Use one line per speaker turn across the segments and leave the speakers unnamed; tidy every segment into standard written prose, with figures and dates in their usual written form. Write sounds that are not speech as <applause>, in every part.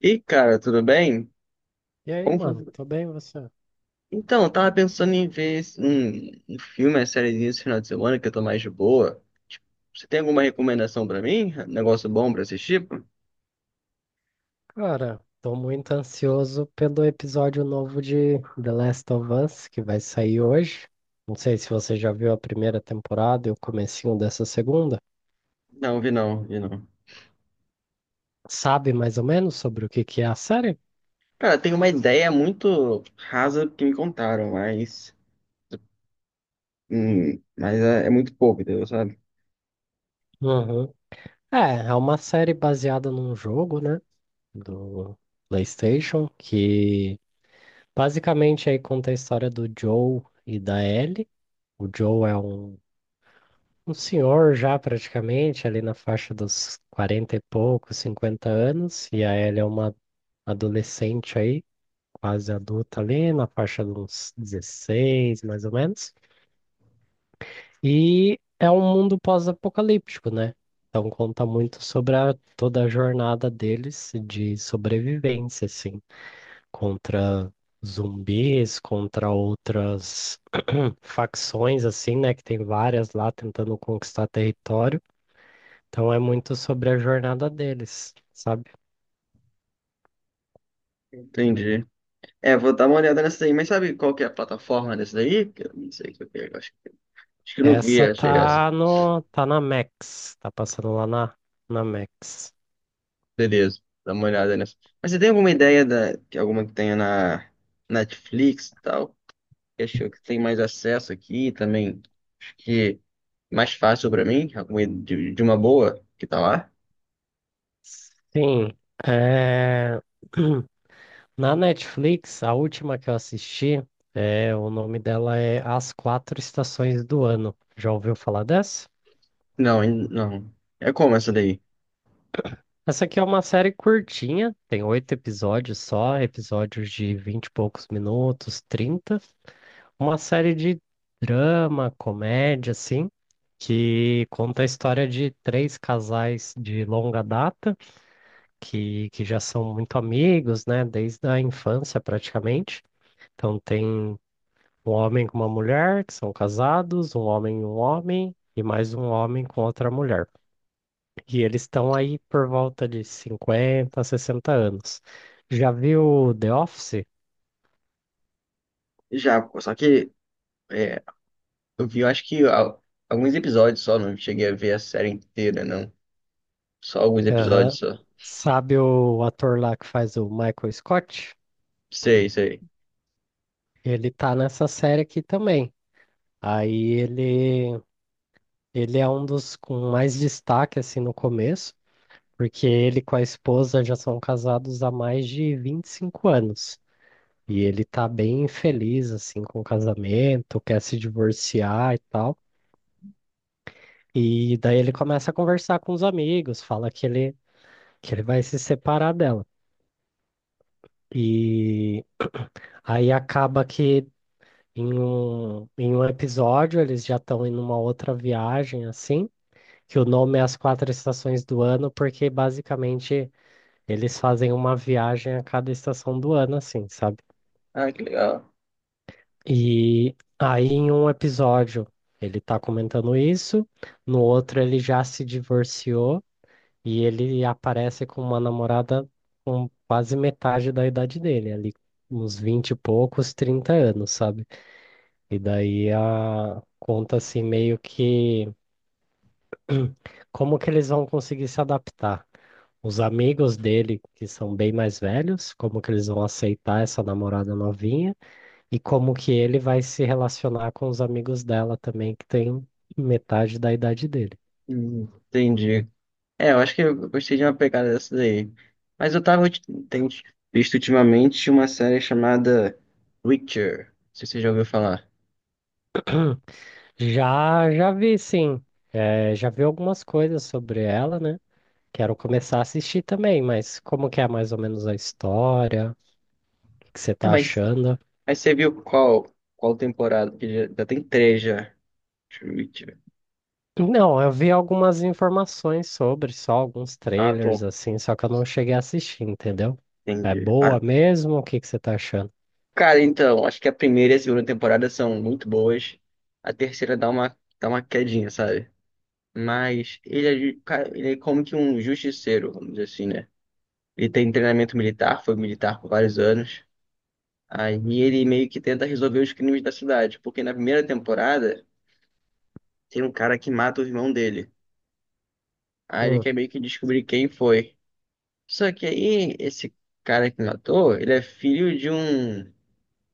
E cara, tudo bem?
E aí, mano,
Como-
tô bem você?
Então, eu tava pensando em ver um filme, uma sériezinha esse final de semana que eu tô mais de boa. Você tem alguma recomendação pra mim? Um negócio bom pra assistir?
Cara, tô muito ansioso pelo episódio novo de The Last of Us que vai sair hoje. Não sei se você já viu a primeira temporada e o comecinho dessa segunda.
Não, vi não, vi não.
Sabe mais ou menos sobre o que que é a série?
Cara, tem uma ideia muito rasa que me contaram, mas. Mas é muito pouco, entendeu? Sabe?
Uhum. É, é uma série baseada num jogo, né, do PlayStation, que basicamente aí conta a história do Joe e da Ellie. O Joe é um senhor já praticamente, ali na faixa dos 40 e poucos 50 anos, e a Ellie é uma adolescente aí, quase adulta ali, na faixa dos 16 mais ou menos. E é um mundo pós-apocalíptico, né? Então conta muito sobre toda a jornada deles de sobrevivência, assim, contra zumbis, contra outras <clears throat> facções, assim, né? Que tem várias lá tentando conquistar território. Então é muito sobre a jornada deles, sabe?
Entendi. É, vou dar uma olhada nessa aí, mas sabe qual que é a plataforma dessa daí? Que eu não sei o que eu pego, acho, acho que eu não vi,
Essa
achei essa.
tá no, tá na Max, tá passando lá na Max.
Beleza, dá uma olhada nessa. Mas você tem alguma ideia de alguma que tenha na Netflix e tal? Que acho que tem mais acesso aqui também. Acho que mais fácil pra mim, alguma de uma boa que tá lá?
Sim, é, <clears throat> na Netflix, a última que eu assisti, é, o nome dela é As Quatro Estações do Ano. Já ouviu falar dessa?
Não, ainda não. É como essa daí?
Essa aqui é uma série curtinha, tem 8 episódios só, episódios de 20 e poucos minutos, 30. Uma série de drama, comédia, assim, que conta a história de três casais de longa data, que já são muito amigos, né, desde a infância praticamente. Então tem um homem com uma mulher, que são casados, um homem, e mais um homem com outra mulher. E eles estão aí por volta de 50 60 anos. Já viu The Office?
Já, só que é, eu vi, eu acho que alguns episódios só, não cheguei a ver a série inteira, não. Só alguns episódios
Aham.
só.
Sabe o ator lá que faz o Michael Scott?
Sei, sei.
Ele tá nessa série aqui também. Aí ele é um dos com mais destaque assim no começo, porque ele com a esposa já são casados há mais de 25 anos. E ele tá bem infeliz assim com o casamento, quer se divorciar e tal. E daí ele começa a conversar com os amigos, fala que ele vai se separar dela. E aí acaba que em um episódio eles já estão em uma outra viagem assim, que o nome é As Quatro Estações do Ano, porque basicamente eles fazem uma viagem a cada estação do ano, assim, sabe?
Ah, que legal.
E aí em um episódio ele tá comentando isso, no outro ele já se divorciou e ele aparece com uma namorada com quase metade da idade dele, ali uns 20 e poucos, 30 anos, sabe? E daí a conta assim meio que como que eles vão conseguir se adaptar. Os amigos dele, que são bem mais velhos, como que eles vão aceitar essa namorada novinha e como que ele vai se relacionar com os amigos dela também, que tem metade da idade dele.
Entendi. É, eu acho que eu gostei de uma pegada dessa daí. Mas eu tenho visto ultimamente uma série chamada Witcher. Não sei se você já ouviu falar.
Já, já vi, sim. É, já vi algumas coisas sobre ela, né? Quero começar a assistir também, mas como que é mais ou menos a história? O que que você
Tá,
tá achando?
mas você viu qual temporada? Porque já, já tem três já. Witcher.
Não, eu vi algumas informações sobre, só alguns
Ah,
trailers
tô.
assim, só que eu não cheguei a assistir, entendeu? É
Entendi. Ah,
boa mesmo? O que que você tá achando?
cara, então, acho que a primeira e a segunda temporada são muito boas. A terceira dá uma quedinha, sabe? Mas ele é, cara, ele é como que um justiceiro, vamos dizer assim, né? Ele tem treinamento militar, foi militar por vários anos. Aí ele meio que tenta resolver os crimes da cidade, porque na primeira temporada tem um cara que mata o irmão dele. Aí ele
Hum,
quer meio que descobrir quem foi. Só que aí esse cara que matou, ele é filho de um,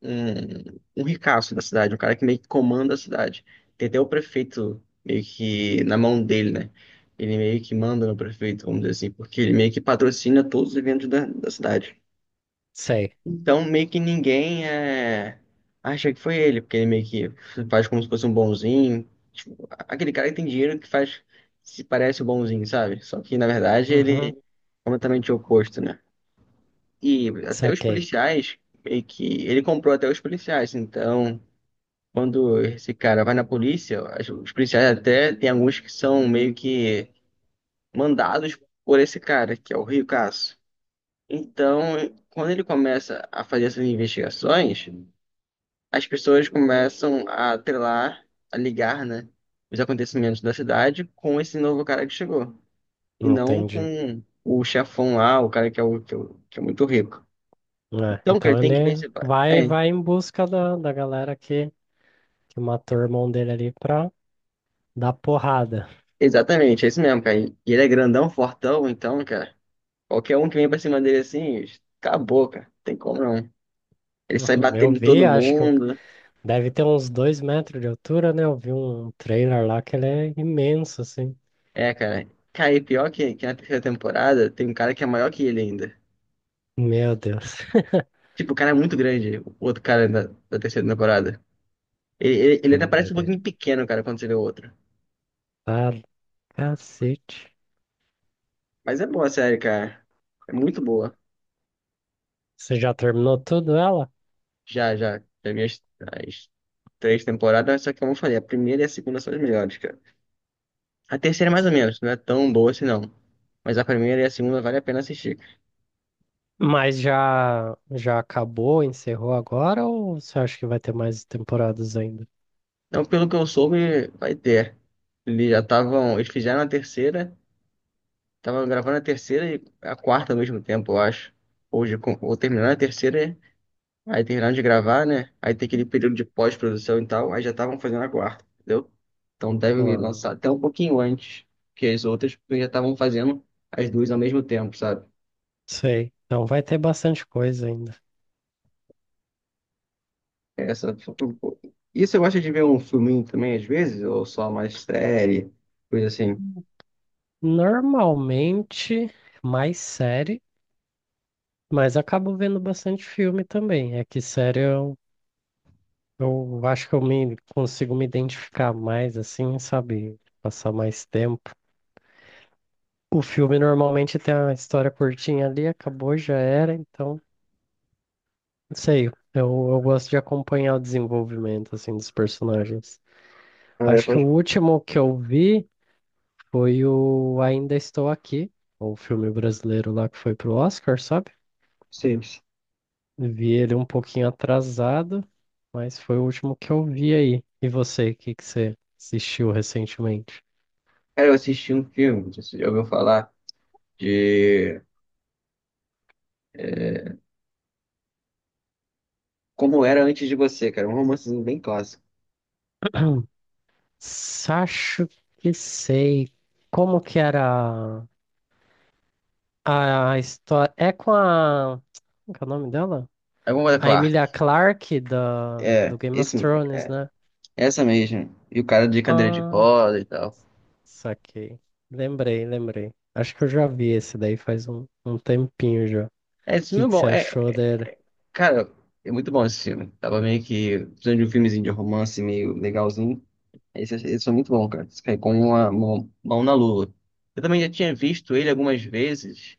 um, um ricaço da cidade, um cara que meio que comanda a cidade. Tem até o prefeito meio que na mão dele, né? Ele meio que manda no prefeito, vamos dizer assim, porque ele meio que patrocina todos os eventos da cidade.
Sei.
Então, meio que ninguém é... acha que foi ele, porque ele meio que faz como se fosse um bonzinho. Tipo, aquele cara que tem dinheiro que faz, se parece o bonzinho, sabe? Só que, na verdade, ele é
Uhum,
completamente oposto, né? E até os
saquei.
policiais, meio que... Ele comprou até os policiais, então... Quando esse cara vai na polícia, os policiais até tem alguns que são meio que mandados por esse cara, que é o Rio Caso. Então, quando ele começa a fazer essas investigações, as pessoas começam a atrelar, a ligar, né, os acontecimentos da cidade com esse novo cara que chegou, e
Não
não
entendi.
com o chefão lá, o cara que é muito rico.
É,
Então, cara,
então
ele tem que
ele
vencer.
vai
É,
vai em busca da galera que matou o irmão dele ali pra dar porrada.
exatamente, é isso mesmo, cara. E ele é grandão, fortão, então, cara, qualquer um que vem pra cima dele assim, acabou, cara, não tem como não. Ele sai
Uhum, eu
batendo em
vi,
todo
acho que
mundo.
deve ter uns 2 metros de altura, né? Eu vi um trailer lá que ele é imenso, assim.
É, cara. Cara, e pior que na terceira temporada tem um cara que é maior que ele ainda.
Meu Deus.
Tipo, o cara é muito grande, o outro cara da terceira temporada. Ele, ele
Que
até parece um
doideira.
pouquinho pequeno, cara, quando você vê o outro.
Cacete.
Mas é boa a série, cara. É muito boa.
Você já terminou tudo ela?
Já, já. Já vi as três temporadas, só que como eu falei, a primeira e a segunda são as melhores, cara. A terceira, é mais ou menos, não é tão boa assim, não. Mas a primeira e a segunda vale a pena assistir.
Mas já já acabou, encerrou agora ou você acha que vai ter mais temporadas ainda?
Então, pelo que eu soube, vai ter. Eles já estavam. Eles fizeram a terceira, estavam gravando a terceira e a quarta ao mesmo tempo, eu acho. Hoje, ou terminando a terceira. Aí terminaram de gravar, né? Aí tem aquele período de pós-produção e tal, aí já estavam fazendo a quarta, entendeu? Então devem
Ah,
lançar até um pouquinho antes que as outras, porque já estavam fazendo as duas ao mesmo tempo, sabe?
sei. Então vai ter bastante coisa ainda.
Essa... E você gosta de ver um filminho também às vezes? Ou só mais série, coisa assim?
Normalmente mais série, mas acabo vendo bastante filme também. É que série eu acho que eu me consigo me identificar mais assim, sabe? Passar mais tempo. O filme normalmente tem uma história curtinha ali, acabou, já era, então. Sei, eu gosto de acompanhar o desenvolvimento assim dos personagens.
Ah, eu
Acho que o
gosto de
último que eu vi foi o Ainda Estou Aqui, o filme brasileiro lá que foi pro Oscar, sabe? Vi ele um pouquinho atrasado, mas foi o último que eu vi aí. E você, o que que você assistiu recentemente?
cara, eu assisti um filme, não sei se você já ouviu falar, de é, Como Era Antes de Você, cara. É um romancezinho bem clássico.
<clears throat> Sacho que sei. Como que era a história? É com a. Como que é o nome dela?
É Como Era
A
Clark.
Emilia Clarke do
É,
Game of
esse mesmo.
Thrones, né?
Essa mesmo. E o cara de cadeira de
Ah,
roda e tal.
saquei. Lembrei, lembrei. Acho que eu já vi esse daí faz um tempinho já. O
É, esse filme
que
é
que você
bom. É,
achou dele?
cara, é muito bom esse filme. Tava meio que precisando de um filmezinho de romance meio legalzinho. Esse foi muito bom, cara. Esse foi como uma mão na lua. Eu também já tinha visto ele algumas vezes,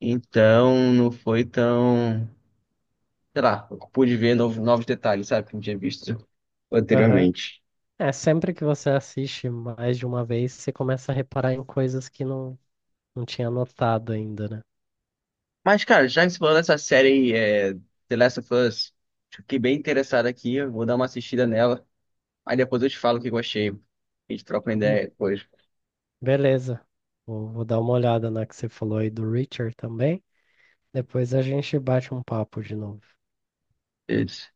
então não foi tão. Sei lá, eu pude ver novos, novos detalhes, sabe? Que eu não tinha visto
Aham.
anteriormente.
É, sempre que você assiste mais de uma vez, você começa a reparar em coisas que não tinha notado ainda, né?
Mas, cara, já que você falou dessa série The Last of Us, fiquei bem interessado aqui. Eu vou dar uma assistida nela. Aí depois eu te falo o que eu achei. A gente troca uma
Hum,
ideia depois.
Beleza. Vou dar uma olhada na que você falou aí do Richard também. Depois a gente bate um papo de novo.
Isso.